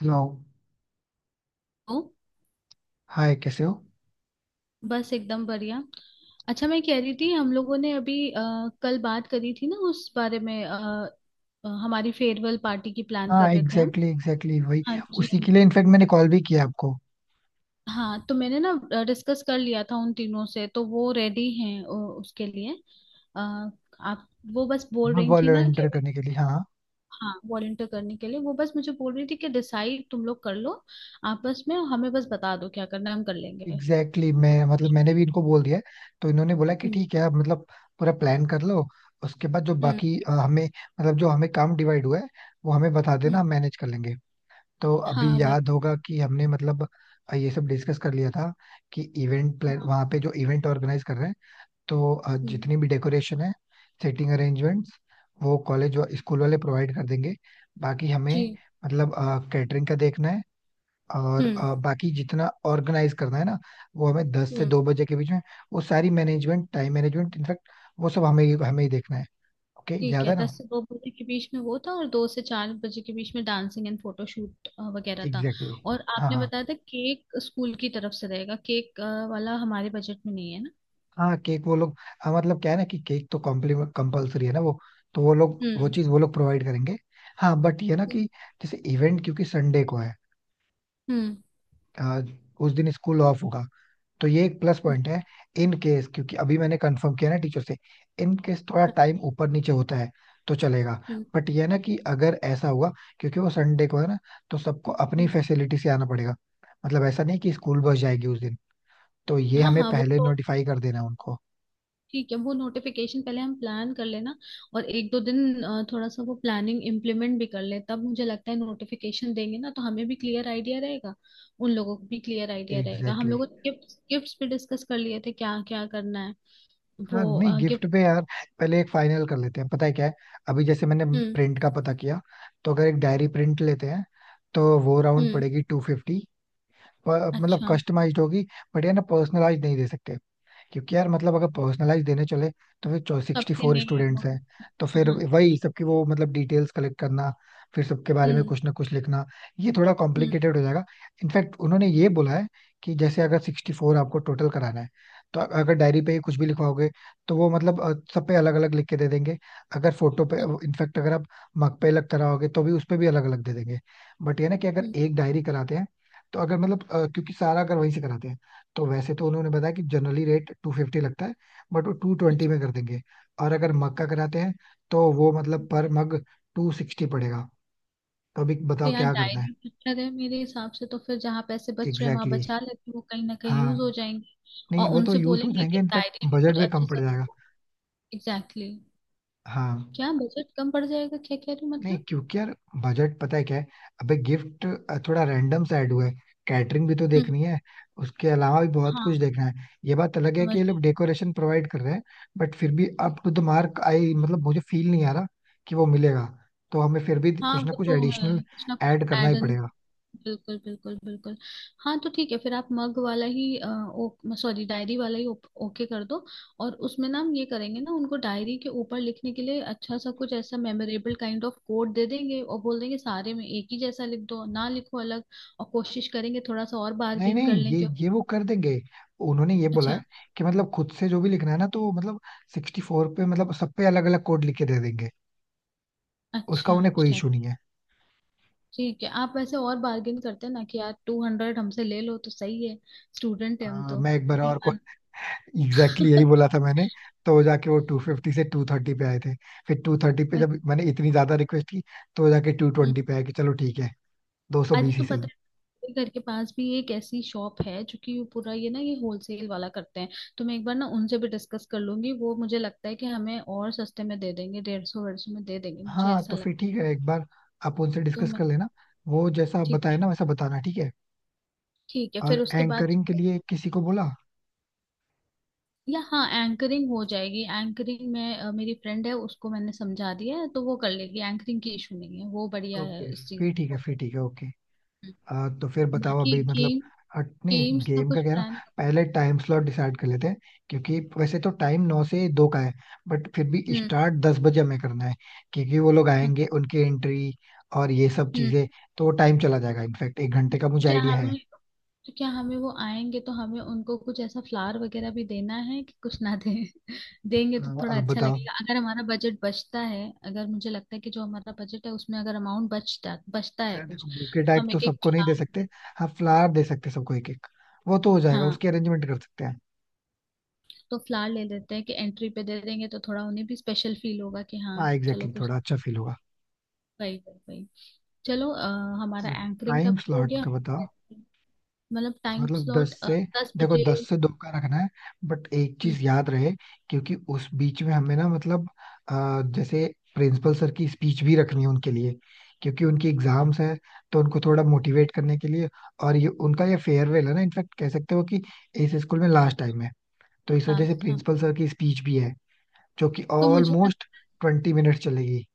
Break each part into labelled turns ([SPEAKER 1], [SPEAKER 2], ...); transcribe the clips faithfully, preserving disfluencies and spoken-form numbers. [SPEAKER 1] Hello.
[SPEAKER 2] हूँ।
[SPEAKER 1] Hi, कैसे हो?
[SPEAKER 2] बस एकदम बढ़िया। अच्छा, मैं कह रही थी हम लोगों ने अभी अ, कल बात करी थी ना उस बारे में अ, अ, हमारी फेयरवेल पार्टी की प्लान
[SPEAKER 1] हाँ,
[SPEAKER 2] कर रहे थे हम।
[SPEAKER 1] एग्जैक्टली एग्जैक्टली वही.
[SPEAKER 2] हाँ जी
[SPEAKER 1] उसी
[SPEAKER 2] हाँ
[SPEAKER 1] के लिए
[SPEAKER 2] जी।
[SPEAKER 1] इनफैक्ट मैंने कॉल भी किया आपको.
[SPEAKER 2] हाँ, तो मैंने ना डिस्कस कर लिया था उन तीनों से, तो वो रेडी हैं अ, उसके लिए। अ, आप, वो बस बोल
[SPEAKER 1] हाँ,
[SPEAKER 2] रही थी ना
[SPEAKER 1] वॉलंटियर
[SPEAKER 2] कि
[SPEAKER 1] करने के लिए, हाँ.
[SPEAKER 2] हाँ वॉलंटियर करने के लिए। वो बस मुझे बोल रही थी कि डिसाइड तुम लोग कर लो आपस में, और हमें बस बता दो क्या करना है, हम कर लेंगे।
[SPEAKER 1] एग्जैक्टली exactly,
[SPEAKER 2] तो-
[SPEAKER 1] मैं, मतलब मैंने भी इनको बोल दिया है. तो इन्होंने बोला कि
[SPEAKER 2] हम्म
[SPEAKER 1] ठीक है, आप मतलब पूरा प्लान कर लो. उसके बाद जो
[SPEAKER 2] हम्म
[SPEAKER 1] बाकी अ, हमें, मतलब जो हमें काम डिवाइड हुआ है, वो हमें बता देना,
[SPEAKER 2] हम्म,
[SPEAKER 1] हम मैनेज कर लेंगे. तो
[SPEAKER 2] हाँ
[SPEAKER 1] अभी
[SPEAKER 2] वही।
[SPEAKER 1] याद होगा कि हमने मतलब अ, ये सब डिस्कस कर लिया था, कि इवेंट प्लान, वहाँ पे जो इवेंट ऑर्गेनाइज कर रहे हैं, तो अ,
[SPEAKER 2] हम्म,
[SPEAKER 1] जितनी भी डेकोरेशन है, सेटिंग अरेंजमेंट्स, वो कॉलेज व स्कूल वाले प्रोवाइड कर देंगे. बाकी हमें,
[SPEAKER 2] जी।
[SPEAKER 1] मतलब कैटरिंग का देखना है. और
[SPEAKER 2] हम्म
[SPEAKER 1] अ, बाकी जितना ऑर्गेनाइज करना है ना, वो हमें दस से
[SPEAKER 2] हम्म।
[SPEAKER 1] दो बजे के बीच में वो सारी मैनेजमेंट, टाइम मैनेजमेंट इनफैक्ट, वो सब हमें हमें ही देखना है. ओके,
[SPEAKER 2] ठीक
[SPEAKER 1] याद
[SPEAKER 2] है,
[SPEAKER 1] है ना?
[SPEAKER 2] दस से दो बजे के बीच में वो था और दो से चार बजे के बीच में डांसिंग एंड फोटोशूट वगैरह था।
[SPEAKER 1] Exactly exactly.
[SPEAKER 2] और
[SPEAKER 1] हाँ,
[SPEAKER 2] आपने
[SPEAKER 1] हाँ.
[SPEAKER 2] बताया था केक स्कूल की तरफ से रहेगा, केक अ, वाला हमारे बजट में नहीं है ना।
[SPEAKER 1] हाँ, केक वो लोग. हाँ, मतलब क्या है ना कि केक तो कॉम्प्लीमेंट कंपलसरी है ना वो, तो वो लोग वो
[SPEAKER 2] हम्म
[SPEAKER 1] चीज़ वो लोग प्रोवाइड करेंगे. हाँ, बट ये ना
[SPEAKER 2] हम्म
[SPEAKER 1] कि जैसे इवेंट क्योंकि संडे को है.
[SPEAKER 2] हम्म
[SPEAKER 1] आज, उस दिन स्कूल ऑफ होगा, तो ये एक प्लस पॉइंट है. इन केस, क्योंकि अभी मैंने कंफर्म किया ना टीचर से, इन केस थोड़ा टाइम ऊपर नीचे होता है तो चलेगा.
[SPEAKER 2] हम्म,
[SPEAKER 1] बट ये ना कि अगर ऐसा हुआ, क्योंकि वो संडे को है ना, तो सबको अपनी
[SPEAKER 2] हम्म,
[SPEAKER 1] फैसिलिटी से आना पड़ेगा. मतलब ऐसा नहीं कि स्कूल बस जाएगी उस दिन. तो ये
[SPEAKER 2] हाँ
[SPEAKER 1] हमें
[SPEAKER 2] हाँ वो
[SPEAKER 1] पहले
[SPEAKER 2] तो
[SPEAKER 1] नोटिफाई कर देना है उनको.
[SPEAKER 2] ठीक है, वो नोटिफिकेशन पहले हम प्लान कर लेना। और एक दो दिन अ, थोड़ा सा वो प्लानिंग इम्प्लीमेंट भी कर ले, तब मुझे लगता है नोटिफिकेशन देंगे ना तो हमें भी क्लियर आइडिया रहेगा, उन लोगों को भी क्लियर आइडिया रहेगा। हम
[SPEAKER 1] एग्जैक्टली exactly.
[SPEAKER 2] लोगों ने गिफ्ट गिफ्ट्स भी डिस्कस कर लिए थे क्या क्या करना है।
[SPEAKER 1] हाँ,
[SPEAKER 2] वो,
[SPEAKER 1] नहीं गिफ्ट
[SPEAKER 2] गिफ्ट।
[SPEAKER 1] पे यार पहले एक फाइनल कर लेते हैं, पता है क्या है. अभी जैसे मैंने
[SPEAKER 2] हम्म
[SPEAKER 1] प्रिंट का पता किया, तो अगर एक डायरी प्रिंट लेते हैं तो वो राउंड
[SPEAKER 2] हम्म।
[SPEAKER 1] पड़ेगी टू फिफ्टी. प- मतलब
[SPEAKER 2] अच्छा,
[SPEAKER 1] कस्टमाइज्ड होगी. बट ये ना, पर्सनलाइज नहीं दे सकते, क्योंकि यार मतलब अगर पर्सनलाइज देने चले तो फिर सिक्सटी
[SPEAKER 2] सबके
[SPEAKER 1] फोर
[SPEAKER 2] नेम
[SPEAKER 1] स्टूडेंट्स
[SPEAKER 2] और।
[SPEAKER 1] हैं. तो फिर
[SPEAKER 2] हाँ।
[SPEAKER 1] वही सबकी वो, मतलब डिटेल्स कलेक्ट करना, फिर सबके बारे में
[SPEAKER 2] हम्म
[SPEAKER 1] कुछ ना कुछ लिखना, ये थोड़ा
[SPEAKER 2] हम्म
[SPEAKER 1] कॉम्प्लिकेटेड हो जाएगा. इनफैक्ट उन्होंने ये बोला है कि जैसे अगर सिक्सटी फोर आपको टोटल कराना है, तो अ- अगर डायरी पे ही कुछ भी लिखवाओगे, तो वो मतलब अ, सब पे अलग अलग लिख के दे देंगे. अगर फोटो पे,
[SPEAKER 2] हम्म
[SPEAKER 1] इनफैक्ट अगर आप मग पे अलग कराओगे, तो भी उस पे भी अलग अलग दे देंगे. बट ये ना कि अगर
[SPEAKER 2] हम्म,
[SPEAKER 1] एक डायरी कराते हैं, तो अगर मतलब अ, क्योंकि सारा अगर वहीं से कराते हैं, तो वैसे तो उन्होंने बताया कि जनरली रेट टू फिफ्टी लगता है, बट वो टू ट्वेंटी
[SPEAKER 2] अच्छा।
[SPEAKER 1] में कर देंगे. और अगर मग का कराते हैं, तो वो मतलब पर मग टू सिक्सटी पड़ेगा. तो अभी
[SPEAKER 2] तो
[SPEAKER 1] बताओ
[SPEAKER 2] यार
[SPEAKER 1] क्या करना है.
[SPEAKER 2] डायरी अच्छा है मेरे हिसाब से, तो फिर जहाँ पैसे बच रहे हैं वहां
[SPEAKER 1] एग्जैक्टली exactly.
[SPEAKER 2] बचा लेते हैं, वो कहीं ना कहीं यूज हो
[SPEAKER 1] हाँ,
[SPEAKER 2] जाएंगे।
[SPEAKER 1] नहीं
[SPEAKER 2] और
[SPEAKER 1] वो तो
[SPEAKER 2] उनसे
[SPEAKER 1] यूज हो
[SPEAKER 2] बोलेंगे
[SPEAKER 1] जाएंगे
[SPEAKER 2] कि
[SPEAKER 1] इनफैक्ट.
[SPEAKER 2] डायरी में
[SPEAKER 1] बजट
[SPEAKER 2] कुछ
[SPEAKER 1] भी कम
[SPEAKER 2] अच्छा
[SPEAKER 1] पड़
[SPEAKER 2] सा।
[SPEAKER 1] जाएगा.
[SPEAKER 2] Exactly exactly।
[SPEAKER 1] हाँ,
[SPEAKER 2] क्या बजट कम पड़ जाएगा, क्या कह रही हो
[SPEAKER 1] नहीं
[SPEAKER 2] मतलब?
[SPEAKER 1] क्योंकि यार बजट, पता है क्या है, अबे गिफ्ट थोड़ा रैंडम सा ऐड हुआ है. कैटरिंग भी तो
[SPEAKER 2] हम्म,
[SPEAKER 1] देखनी है, उसके अलावा भी बहुत कुछ
[SPEAKER 2] हाँ
[SPEAKER 1] देखना है. ये बात अलग है कि
[SPEAKER 2] समझ।
[SPEAKER 1] ये लोग डेकोरेशन प्रोवाइड कर रहे हैं. बट फिर भी up to the mark I, मतलब मुझे फील नहीं आ रहा कि वो मिलेगा, तो हमें फिर भी
[SPEAKER 2] हाँ
[SPEAKER 1] कुछ ना
[SPEAKER 2] वो
[SPEAKER 1] कुछ
[SPEAKER 2] तो
[SPEAKER 1] एडिशनल
[SPEAKER 2] है, कुछ ना कुछ
[SPEAKER 1] ऐड करना ही
[SPEAKER 2] एडन।
[SPEAKER 1] पड़ेगा.
[SPEAKER 2] बिल्कुल बिल्कुल बिल्कुल। हाँ तो ठीक है, फिर आप मग वाला ही अ, ओ सॉरी, डायरी वाला ही ओप- ओके कर दो। और उसमें ना हम ये करेंगे ना, उनको डायरी के ऊपर लिखने के लिए अच्छा सा कुछ ऐसा मेमोरेबल काइंड ऑफ कोड दे देंगे और बोल देंगे सारे में एक ही जैसा लिख दो, ना लिखो अलग। और कोशिश करेंगे थोड़ा सा और
[SPEAKER 1] नहीं,
[SPEAKER 2] बार्गेन कर
[SPEAKER 1] नहीं,
[SPEAKER 2] लें,
[SPEAKER 1] ये
[SPEAKER 2] क्यों।
[SPEAKER 1] ये वो कर देंगे. उन्होंने ये बोला
[SPEAKER 2] अच्छा
[SPEAKER 1] है कि मतलब खुद से जो भी लिखना है ना, तो मतलब सिक्सटी फोर पे, मतलब सब पे अलग अलग कोड लिख के दे देंगे. उसका
[SPEAKER 2] अच्छा।
[SPEAKER 1] उन्हें कोई
[SPEAKER 2] अच्छा।
[SPEAKER 1] इशू नहीं है.
[SPEAKER 2] ठीक है, आप वैसे और बार्गेन करते हैं ना कि यार टू हंड्रेड हमसे ले लो तो सही है, स्टूडेंट है हम
[SPEAKER 1] अ,
[SPEAKER 2] तो।
[SPEAKER 1] मैं एक बार
[SPEAKER 2] नहीं
[SPEAKER 1] और
[SPEAKER 2] मानते।
[SPEAKER 1] एग्जैक्टली exactly यही बोला था मैंने. तो जाके वो टू फिफ्टी से टू थर्टी पे आए थे. फिर टू थर्टी पे जब मैंने इतनी ज्यादा रिक्वेस्ट की, तो वो जाके टू
[SPEAKER 2] हम्म।
[SPEAKER 1] ट्वेंटी पे आए कि चलो ठीक है, दो सौ
[SPEAKER 2] अरे,
[SPEAKER 1] बीस ही
[SPEAKER 2] तो पता
[SPEAKER 1] सही.
[SPEAKER 2] है मेरे घर के पास भी एक ऐसी शॉप है जो कि वो पूरा ये ना ये होलसेल वाला करते हैं, तो मैं एक बार ना उनसे भी डिस्कस कर लूंगी। वो मुझे लगता है कि हमें और सस्ते में दे देंगे, डेढ़ सौ डेढ़ सौ में दे देंगे मुझे
[SPEAKER 1] हाँ,
[SPEAKER 2] ऐसा
[SPEAKER 1] तो फिर
[SPEAKER 2] लगता है।
[SPEAKER 1] ठीक है, एक बार आप उनसे
[SPEAKER 2] तो
[SPEAKER 1] डिस्कस
[SPEAKER 2] मैं,
[SPEAKER 1] कर लेना, वो जैसा आप
[SPEAKER 2] ठीक
[SPEAKER 1] बताए
[SPEAKER 2] है
[SPEAKER 1] ना वैसा बताना ठीक है.
[SPEAKER 2] ठीक है
[SPEAKER 1] और
[SPEAKER 2] फिर उसके बाद।
[SPEAKER 1] एंकरिंग के लिए किसी को बोला?
[SPEAKER 2] या हाँ, एंकरिंग हो जाएगी, एंकरिंग में अ, मेरी फ्रेंड है उसको मैंने समझा दिया है तो वो कर लेगी, एंकरिंग की इशू नहीं है, वो बढ़िया है
[SPEAKER 1] ओके.
[SPEAKER 2] इस चीज।
[SPEAKER 1] फिर ठीक है, फिर ठीक है. ओके. आ, तो फिर बताओ
[SPEAKER 2] बाकी
[SPEAKER 1] अभी मतलब.
[SPEAKER 2] गेम,
[SPEAKER 1] हट नहीं,
[SPEAKER 2] गेम्स का
[SPEAKER 1] गेम का
[SPEAKER 2] कुछ
[SPEAKER 1] क्या है ना,
[SPEAKER 2] प्लान।
[SPEAKER 1] पहले टाइम स्लॉट डिसाइड कर लेते हैं. क्योंकि वैसे तो टाइम नौ से दो का है, बट फिर भी
[SPEAKER 2] हम्म
[SPEAKER 1] स्टार्ट दस बजे हमें करना है. क्योंकि वो लोग आएंगे, उनकी एंट्री और ये सब
[SPEAKER 2] हम्म।
[SPEAKER 1] चीजें, तो वो टाइम चला जाएगा इनफैक्ट. एक घंटे का
[SPEAKER 2] तो
[SPEAKER 1] मुझे
[SPEAKER 2] क्या
[SPEAKER 1] आइडिया है.
[SPEAKER 2] हमें तो क्या हमें वो आएंगे तो हमें उनको कुछ ऐसा फ्लावर वगैरह भी देना है कि कुछ ना दें। देंगे तो
[SPEAKER 1] आ,
[SPEAKER 2] थोड़ा
[SPEAKER 1] आप
[SPEAKER 2] अच्छा
[SPEAKER 1] बताओ.
[SPEAKER 2] लगेगा अगर हमारा बजट बचता है। अगर मुझे लगता है कि जो हमारा बजट है उसमें अगर अमाउंट बचता बचता है
[SPEAKER 1] यार
[SPEAKER 2] कुछ,
[SPEAKER 1] देखो, बुके
[SPEAKER 2] तो
[SPEAKER 1] टाइप
[SPEAKER 2] हम
[SPEAKER 1] तो
[SPEAKER 2] एक एक
[SPEAKER 1] सबको नहीं दे सकते.
[SPEAKER 2] फ्लावर।
[SPEAKER 1] हाँ, फ्लावर दे सकते सबको एक एक. वो तो हो जाएगा,
[SPEAKER 2] हाँ,
[SPEAKER 1] उसकी अरेंजमेंट कर सकते हैं.
[SPEAKER 2] तो फ्लावर ले लेते हैं कि एंट्री पे दे देंगे तो थोड़ा उन्हें भी स्पेशल फील होगा कि हाँ
[SPEAKER 1] हाँ
[SPEAKER 2] चलो
[SPEAKER 1] एग्जैक्टली,
[SPEAKER 2] कुछ।
[SPEAKER 1] थोड़ा अच्छा फील होगा.
[SPEAKER 2] भाई भाई भाई। चलो अ, हमारा एंकरिंग
[SPEAKER 1] टाइम
[SPEAKER 2] कब हो
[SPEAKER 1] स्लॉट
[SPEAKER 2] गया?
[SPEAKER 1] का बताओ.
[SPEAKER 2] मतलब टाइम
[SPEAKER 1] मतलब
[SPEAKER 2] स्लॉट,
[SPEAKER 1] दस से,
[SPEAKER 2] दस
[SPEAKER 1] देखो
[SPEAKER 2] बजे
[SPEAKER 1] दस से दो का रखना है. बट एक चीज याद रहे, क्योंकि उस बीच में हमें ना, मतलब अ, जैसे प्रिंसिपल सर की स्पीच भी रखनी है उनके लिए. क्योंकि उनकी एग्जाम्स है, तो उनको थोड़ा मोटिवेट करने के लिए. और ये उनका ये फेयरवेल है ना, इनफैक्ट कह सकते हो कि इस स्कूल में लास्ट टाइम है. तो इस वजह से
[SPEAKER 2] लास्ट हाँ।
[SPEAKER 1] प्रिंसिपल सर की स्पीच भी है, जो कि
[SPEAKER 2] तो मुझे,
[SPEAKER 1] ऑलमोस्ट ट्वेंटी मिनट चलेगी.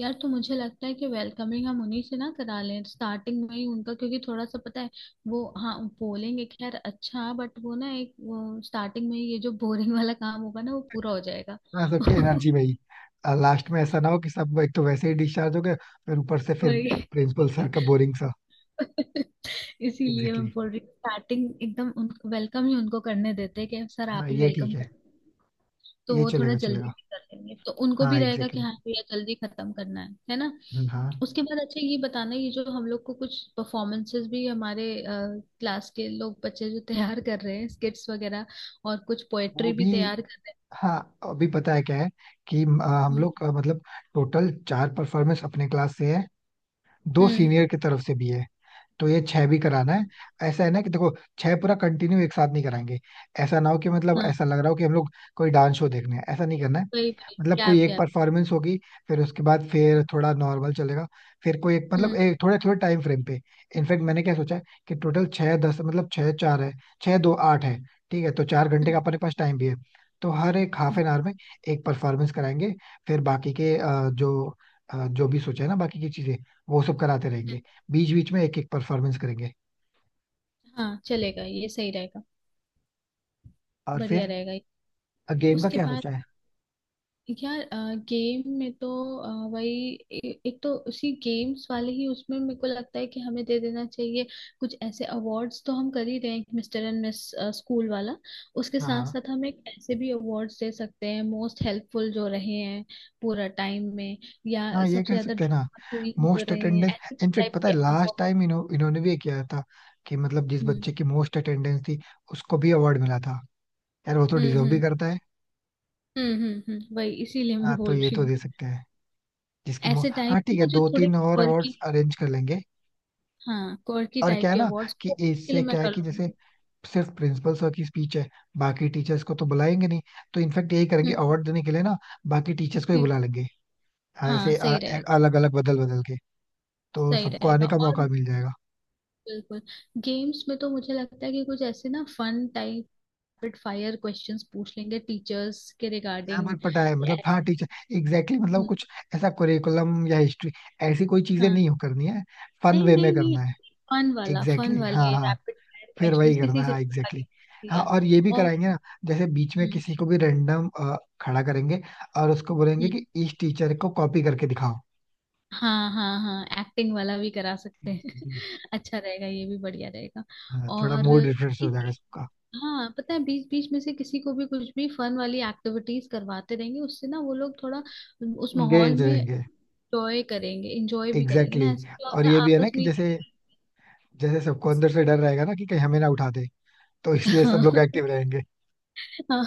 [SPEAKER 2] यार, तो मुझे लगता है कि वेलकमिंग हम उन्हीं से ना करा लें, स्टार्टिंग में ही उनका, क्योंकि थोड़ा सा पता है वो हाँ बोलेंगे खैर अच्छा, बट वो ना एक वो स्टार्टिंग में ही ये जो बोरिंग वाला काम होगा ना वो पूरा हो जाएगा।
[SPEAKER 1] ना सबकी एनर्जी में ही. लास्ट में ऐसा ना हो कि सब एक तो वैसे ही डिस्चार्ज हो गए, फिर ऊपर से फिर
[SPEAKER 2] वही।
[SPEAKER 1] प्रिंसिपल सर का बोरिंग.
[SPEAKER 2] इसीलिए
[SPEAKER 1] एग्जैक्टली
[SPEAKER 2] मैं
[SPEAKER 1] exactly.
[SPEAKER 2] बोल रही हूँ स्टार्टिंग एकदम उन वेलकम ही उनको करने देते हैं कि सर आप
[SPEAKER 1] हाँ,
[SPEAKER 2] ही
[SPEAKER 1] ये
[SPEAKER 2] वेलकम
[SPEAKER 1] ठीक है,
[SPEAKER 2] करें। तो
[SPEAKER 1] ये
[SPEAKER 2] वो थोड़ा
[SPEAKER 1] चलेगा
[SPEAKER 2] जल्दी
[SPEAKER 1] चलेगा.
[SPEAKER 2] भी कर लेंगे तो उनको
[SPEAKER 1] हाँ
[SPEAKER 2] भी रहेगा
[SPEAKER 1] एग्जैक्टली
[SPEAKER 2] कि हाँ
[SPEAKER 1] exactly.
[SPEAKER 2] भैया जल्दी खत्म करना है है ना।
[SPEAKER 1] हम्म, हाँ.
[SPEAKER 2] उसके बाद अच्छा ये बताना, ये जो हम लोग को कुछ परफॉर्मेंसेस भी हमारे क्लास के लोग बच्चे जो तैयार कर रहे हैं स्किट्स वगैरह, और कुछ
[SPEAKER 1] वो
[SPEAKER 2] पोएट्री भी
[SPEAKER 1] भी,
[SPEAKER 2] तैयार कर रहे
[SPEAKER 1] हाँ अभी पता है क्या है कि अ,
[SPEAKER 2] हैं।
[SPEAKER 1] हम
[SPEAKER 2] हम्म
[SPEAKER 1] लोग का मतलब टोटल चार परफॉर्मेंस अपने क्लास से है. दो
[SPEAKER 2] हम्म,
[SPEAKER 1] सीनियर की तरफ से भी है, तो ये छह भी कराना है.
[SPEAKER 2] अच्छा,
[SPEAKER 1] ऐसा है ना कि देखो, छह पूरा कंटिन्यू एक साथ नहीं कराएंगे. ऐसा ना हो कि मतलब
[SPEAKER 2] हाँ
[SPEAKER 1] ऐसा लग रहा हो कि हम लोग कोई डांस शो देखने हैं, ऐसा नहीं करना है.
[SPEAKER 2] वही वही,
[SPEAKER 1] मतलब कोई
[SPEAKER 2] गैप
[SPEAKER 1] एक
[SPEAKER 2] गैप।
[SPEAKER 1] परफॉर्मेंस होगी, फिर उसके बाद फिर थोड़ा नॉर्मल चलेगा. फिर कोई एक, मतलब
[SPEAKER 2] हम्म
[SPEAKER 1] एक थोड़े थोड़े टाइम फ्रेम पे. इनफैक्ट मैंने क्या सोचा है, कि टोटल छः दस, मतलब छः चार है, छः दो आठ है. ठीक है, तो चार घंटे का
[SPEAKER 2] हम्म,
[SPEAKER 1] अपने पास टाइम भी है. तो हर एक हाफ
[SPEAKER 2] हम्म।
[SPEAKER 1] एन आवर में एक परफॉर्मेंस कराएंगे. फिर बाकी के अ, जो अ, जो भी सोचा है ना बाकी की चीजें, वो सब कराते रहेंगे. बीच बीच में एक एक परफॉर्मेंस करेंगे.
[SPEAKER 2] हाँ चलेगा, ये सही रहेगा।
[SPEAKER 1] और
[SPEAKER 2] बढ़िया
[SPEAKER 1] फिर
[SPEAKER 2] रहेगा ये।
[SPEAKER 1] गेम का
[SPEAKER 2] उसके
[SPEAKER 1] क्या
[SPEAKER 2] बाद
[SPEAKER 1] सोचा है?
[SPEAKER 2] यार गेम में तो अ, वही ए- एक तो उसी गेम्स वाले ही, उसमें मेरे को लगता है कि हमें दे देना चाहिए, कुछ ऐसे अवार्ड्स तो हम कर ही रहे हैं, मिस्टर एंड मिस स्कूल वाला। उसके
[SPEAKER 1] हाँ,
[SPEAKER 2] साथ
[SPEAKER 1] हाँ.
[SPEAKER 2] साथ हम एक ऐसे भी अवार्ड्स दे सकते हैं, मोस्ट हेल्पफुल जो रहे हैं पूरा टाइम में, या
[SPEAKER 1] हाँ, ये
[SPEAKER 2] सबसे
[SPEAKER 1] कर
[SPEAKER 2] ज्यादा
[SPEAKER 1] सकते हैं ना,
[SPEAKER 2] ड्रामा क्वीन जो
[SPEAKER 1] मोस्ट
[SPEAKER 2] रहे हैं,
[SPEAKER 1] अटेंडेंस.
[SPEAKER 2] ऐसे
[SPEAKER 1] इनफेक्ट
[SPEAKER 2] टाइप
[SPEAKER 1] पता
[SPEAKER 2] के
[SPEAKER 1] है लास्ट
[SPEAKER 2] अवार्ड।
[SPEAKER 1] टाइम इन्हों, इन्होंने भी ये किया था, कि मतलब जिस
[SPEAKER 2] हम्म
[SPEAKER 1] बच्चे की मोस्ट अटेंडेंस थी, उसको भी अवार्ड मिला था. यार वो तो
[SPEAKER 2] हम्म
[SPEAKER 1] डिजर्व भी
[SPEAKER 2] हम्म
[SPEAKER 1] करता है.
[SPEAKER 2] हम्म हम्म हम्म, वही इसीलिए मैं
[SPEAKER 1] हाँ, तो
[SPEAKER 2] बोल
[SPEAKER 1] ये
[SPEAKER 2] रही
[SPEAKER 1] तो
[SPEAKER 2] हूँ।
[SPEAKER 1] दे सकते हैं जिसकी मो...
[SPEAKER 2] ऐसे
[SPEAKER 1] हाँ,
[SPEAKER 2] टाइप
[SPEAKER 1] ठीक है,
[SPEAKER 2] ना जो
[SPEAKER 1] दो
[SPEAKER 2] थोड़े
[SPEAKER 1] तीन और
[SPEAKER 2] quirky,
[SPEAKER 1] अवार्ड्स अरेंज कर लेंगे.
[SPEAKER 2] हाँ क्वर्की
[SPEAKER 1] और क्या
[SPEAKER 2] टाइप
[SPEAKER 1] है
[SPEAKER 2] के
[SPEAKER 1] ना
[SPEAKER 2] अवार्ड्स
[SPEAKER 1] कि
[SPEAKER 2] के लिए,
[SPEAKER 1] इससे
[SPEAKER 2] मैं
[SPEAKER 1] क्या है
[SPEAKER 2] कर
[SPEAKER 1] कि जैसे
[SPEAKER 2] लूंगी।
[SPEAKER 1] सिर्फ प्रिंसिपल सर की स्पीच है, बाकी टीचर्स को तो बुलाएंगे नहीं, तो इनफेक्ट यही करेंगे.
[SPEAKER 2] हम्म।
[SPEAKER 1] अवार्ड देने के लिए ना, बाकी टीचर्स को ही
[SPEAKER 2] ठीक
[SPEAKER 1] बुला
[SPEAKER 2] है।
[SPEAKER 1] लेंगे. हाँ,
[SPEAKER 2] हाँ
[SPEAKER 1] ऐसे
[SPEAKER 2] सही रहेगा।
[SPEAKER 1] अलग अलग बदल बदल के, तो
[SPEAKER 2] सही
[SPEAKER 1] सबको
[SPEAKER 2] रहेगा,
[SPEAKER 1] आने का
[SPEAKER 2] और
[SPEAKER 1] मौका मिल जाएगा.
[SPEAKER 2] बिल्कुल, गेम्स में तो मुझे लगता है कि कुछ ऐसे ना fun type, rapid fire questions पूछ लेंगे टीचर्स के
[SPEAKER 1] यहाँ
[SPEAKER 2] रिगार्डिंग,
[SPEAKER 1] पर पता है, मतलब हाँ
[SPEAKER 2] ऐसे।
[SPEAKER 1] टीचर एग्जैक्टली exactly, मतलब कुछ ऐसा करिकुलम या हिस्ट्री, ऐसी कोई चीजें
[SPEAKER 2] हाँ
[SPEAKER 1] नहीं हो करनी है. फन
[SPEAKER 2] नहीं
[SPEAKER 1] वे में
[SPEAKER 2] नहीं नहीं,
[SPEAKER 1] करना है.
[SPEAKER 2] फन वाला,
[SPEAKER 1] एग्जैक्टली
[SPEAKER 2] फन
[SPEAKER 1] exactly, हाँ,
[SPEAKER 2] वाले
[SPEAKER 1] हाँ,
[SPEAKER 2] रैपिड फायर
[SPEAKER 1] फिर वही
[SPEAKER 2] क्वेश्चंस
[SPEAKER 1] करना
[SPEAKER 2] किसी
[SPEAKER 1] है.
[SPEAKER 2] से
[SPEAKER 1] हाँ
[SPEAKER 2] भी
[SPEAKER 1] एग्जैक्टली
[SPEAKER 2] आगे
[SPEAKER 1] exactly.
[SPEAKER 2] पूछ
[SPEAKER 1] हाँ
[SPEAKER 2] लिया।
[SPEAKER 1] और ये भी
[SPEAKER 2] और
[SPEAKER 1] कराएंगे ना, जैसे बीच में
[SPEAKER 2] हम्म,
[SPEAKER 1] किसी को भी रेंडम खड़ा करेंगे और उसको बोलेंगे
[SPEAKER 2] हम्म,
[SPEAKER 1] कि इस टीचर को कॉपी करके दिखाओ.
[SPEAKER 2] हाँ हाँ हाँ, एक्टिंग वाला भी करा सकते हैं।
[SPEAKER 1] Exactly.
[SPEAKER 2] अच्छा रहेगा ये, भी बढ़िया रहेगा।
[SPEAKER 1] हाँ, थोड़ा
[SPEAKER 2] और
[SPEAKER 1] मूड रिफ्रेश हो
[SPEAKER 2] एक
[SPEAKER 1] जाएगा सबका,
[SPEAKER 2] हाँ, पता है बीच बीच में से किसी को भी कुछ भी फन वाली एक्टिविटीज करवाते रहेंगे, उससे ना वो लोग थोड़ा उस माहौल
[SPEAKER 1] एंगेज
[SPEAKER 2] में
[SPEAKER 1] रहेंगे.
[SPEAKER 2] एंजॉय करेंगे, एंजॉय भी करेंगे
[SPEAKER 1] एग्जैक्टली
[SPEAKER 2] ना, ऐसे
[SPEAKER 1] exactly.
[SPEAKER 2] क्या
[SPEAKER 1] और
[SPEAKER 2] होता
[SPEAKER 1] ये
[SPEAKER 2] है
[SPEAKER 1] भी है ना
[SPEAKER 2] आपस
[SPEAKER 1] कि
[SPEAKER 2] में।
[SPEAKER 1] जैसे जैसे सबको अंदर से डर रहेगा ना कि कहीं हमें ना उठा दे, तो इसलिए सब
[SPEAKER 2] हाँ
[SPEAKER 1] लोग एक्टिव रहेंगे.
[SPEAKER 2] हाँ।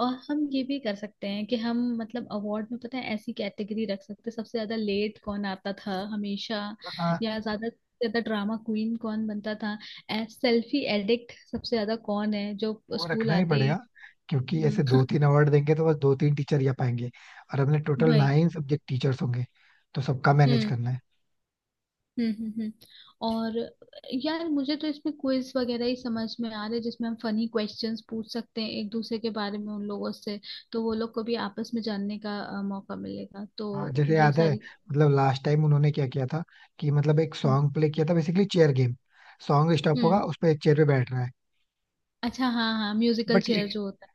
[SPEAKER 2] और हम ये भी कर सकते हैं कि हम मतलब अवार्ड में, पता है ऐसी कैटेगरी रख सकते हैं, सबसे ज्यादा लेट कौन आता था हमेशा,
[SPEAKER 1] हाँ,
[SPEAKER 2] या ज्यादा से ज्यादा ड्रामा क्वीन कौन बनता था, सेल्फी एडिक्ट सबसे ज्यादा कौन है जो
[SPEAKER 1] वो
[SPEAKER 2] स्कूल
[SPEAKER 1] रखना ही
[SPEAKER 2] आते
[SPEAKER 1] पड़ेगा,
[SPEAKER 2] ही।
[SPEAKER 1] क्योंकि ऐसे दो
[SPEAKER 2] हम्म,
[SPEAKER 1] तीन अवार्ड देंगे तो बस दो तीन टीचर ही आ पाएंगे. और अपने टोटल
[SPEAKER 2] भाई।
[SPEAKER 1] नाइन सब्जेक्ट टीचर्स होंगे, तो सबका मैनेज
[SPEAKER 2] हम्म,
[SPEAKER 1] करना है.
[SPEAKER 2] हम्म हम्म हम्म। और यार मुझे तो इसमें क्विज वगैरह ही समझ में आ रहे हैं, जिसमें हम फनी क्वेश्चंस पूछ सकते हैं एक दूसरे के बारे में उन लोगों से, तो वो लोग को भी आपस में जानने का अ, मौका मिलेगा,
[SPEAKER 1] हाँ,
[SPEAKER 2] तो
[SPEAKER 1] जैसे
[SPEAKER 2] ये
[SPEAKER 1] याद है
[SPEAKER 2] सारी।
[SPEAKER 1] मतलब लास्ट टाइम उन्होंने क्या किया था, कि मतलब एक सॉन्ग प्ले किया था, basically chair game. Song stop होगा,
[SPEAKER 2] हम्म,
[SPEAKER 1] उस पर एक चेयर पे बैठना है.
[SPEAKER 2] अच्छा हाँ हाँ, म्यूजिकल
[SPEAKER 1] बट ये
[SPEAKER 2] चेयर जो होता है।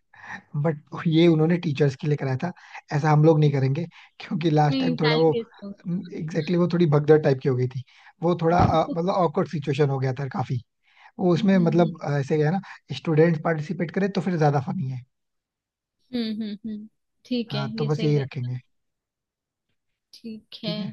[SPEAKER 1] बट ये उन्होंने टीचर्स के लिए कराया था. ऐसा हम लोग नहीं करेंगे, क्योंकि लास्ट टाइम
[SPEAKER 2] नहीं
[SPEAKER 1] थोड़ा वो.
[SPEAKER 2] जाएंगे इस लोग।
[SPEAKER 1] एग्जैक्टली exactly, वो थोड़ी भगदड़ टाइप की हो गई थी, वो थोड़ा अ, मतलब awkward सिचुएशन हो गया था काफी. वो उसमें
[SPEAKER 2] हम्म हम्म
[SPEAKER 1] मतलब अ, ऐसे क्या है ना, स्टूडेंट पार्टिसिपेट करे तो फिर ज्यादा फनी है.
[SPEAKER 2] हम्म हम्म, हम्म। हम्म। ठीक है
[SPEAKER 1] हाँ, तो
[SPEAKER 2] ये
[SPEAKER 1] बस
[SPEAKER 2] सही
[SPEAKER 1] यही
[SPEAKER 2] रहे।
[SPEAKER 1] रखेंगे.
[SPEAKER 2] ठीक है।
[SPEAKER 1] ठीक है.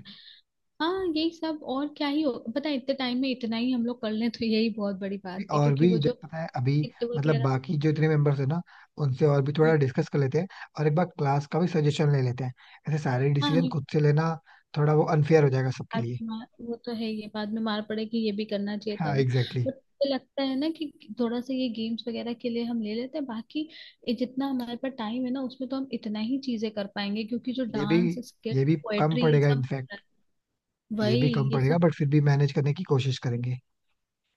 [SPEAKER 2] हाँ यही सब, और क्या ही हो, पता है इतने टाइम में इतना ही हम लोग कर लें तो यही बहुत बड़ी
[SPEAKER 1] भी-
[SPEAKER 2] बात है,
[SPEAKER 1] और
[SPEAKER 2] क्योंकि
[SPEAKER 1] भी
[SPEAKER 2] वो
[SPEAKER 1] इधर
[SPEAKER 2] जो
[SPEAKER 1] पता है अभी,
[SPEAKER 2] किट
[SPEAKER 1] मतलब
[SPEAKER 2] वगैरह।
[SPEAKER 1] बाकी जो इतने मेंबर्स हैं ना, उनसे और भी थोड़ा
[SPEAKER 2] हम्म,
[SPEAKER 1] डिस्कस कर लेते हैं, और एक बार क्लास का भी सजेशन ले लेते हैं. ऐसे सारे
[SPEAKER 2] हाँ
[SPEAKER 1] डिसीजन
[SPEAKER 2] नहीं वो
[SPEAKER 1] खुद से लेना थोड़ा वो अनफेयर हो जाएगा सबके
[SPEAKER 2] बाद
[SPEAKER 1] लिए.
[SPEAKER 2] में- वो तो है, ये बाद में मार पड़े कि ये भी करना चाहिए था,
[SPEAKER 1] हाँ
[SPEAKER 2] वो
[SPEAKER 1] एग्जैक्टली exactly.
[SPEAKER 2] बट मुझे लगता है ना कि थोड़ा सा ये गेम्स वगैरह के लिए हम ले लेते हैं, बाकी ये जितना हमारे पास टाइम है ना उसमें तो हम इतना ही चीजें कर पाएंगे, क्योंकि जो
[SPEAKER 1] ये भी
[SPEAKER 2] डांस स्किट
[SPEAKER 1] ये भी कम
[SPEAKER 2] पोएट्री ये
[SPEAKER 1] पड़ेगा
[SPEAKER 2] सब,
[SPEAKER 1] इनफैक्ट, ये
[SPEAKER 2] वही
[SPEAKER 1] भी कम
[SPEAKER 2] ये
[SPEAKER 1] पड़ेगा
[SPEAKER 2] सब।
[SPEAKER 1] बट फिर भी मैनेज करने की कोशिश करेंगे.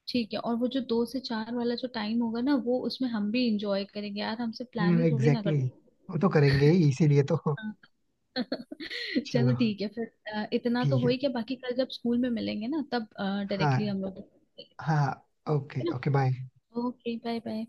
[SPEAKER 2] ठीक है, और वो जो दो से चार वाला जो टाइम होगा ना वो उसमें हम भी इंजॉय करेंगे यार, हमसे प्लान
[SPEAKER 1] हाँ
[SPEAKER 2] ही थोड़ी ना
[SPEAKER 1] एग्जैक्टली
[SPEAKER 2] कर।
[SPEAKER 1] exactly. वो तो करेंगे ही इसीलिए तो.
[SPEAKER 2] हाँ। चलो
[SPEAKER 1] चलो
[SPEAKER 2] ठीक है फिर अ, इतना तो
[SPEAKER 1] ठीक
[SPEAKER 2] हो
[SPEAKER 1] है.
[SPEAKER 2] ही गया, बाकी कल जब स्कूल में मिलेंगे ना तब
[SPEAKER 1] हाँ,
[SPEAKER 2] डायरेक्टली हम लोग, है
[SPEAKER 1] हाँ. ओके.
[SPEAKER 2] ना?
[SPEAKER 1] Okay bye.
[SPEAKER 2] Okay bye bye.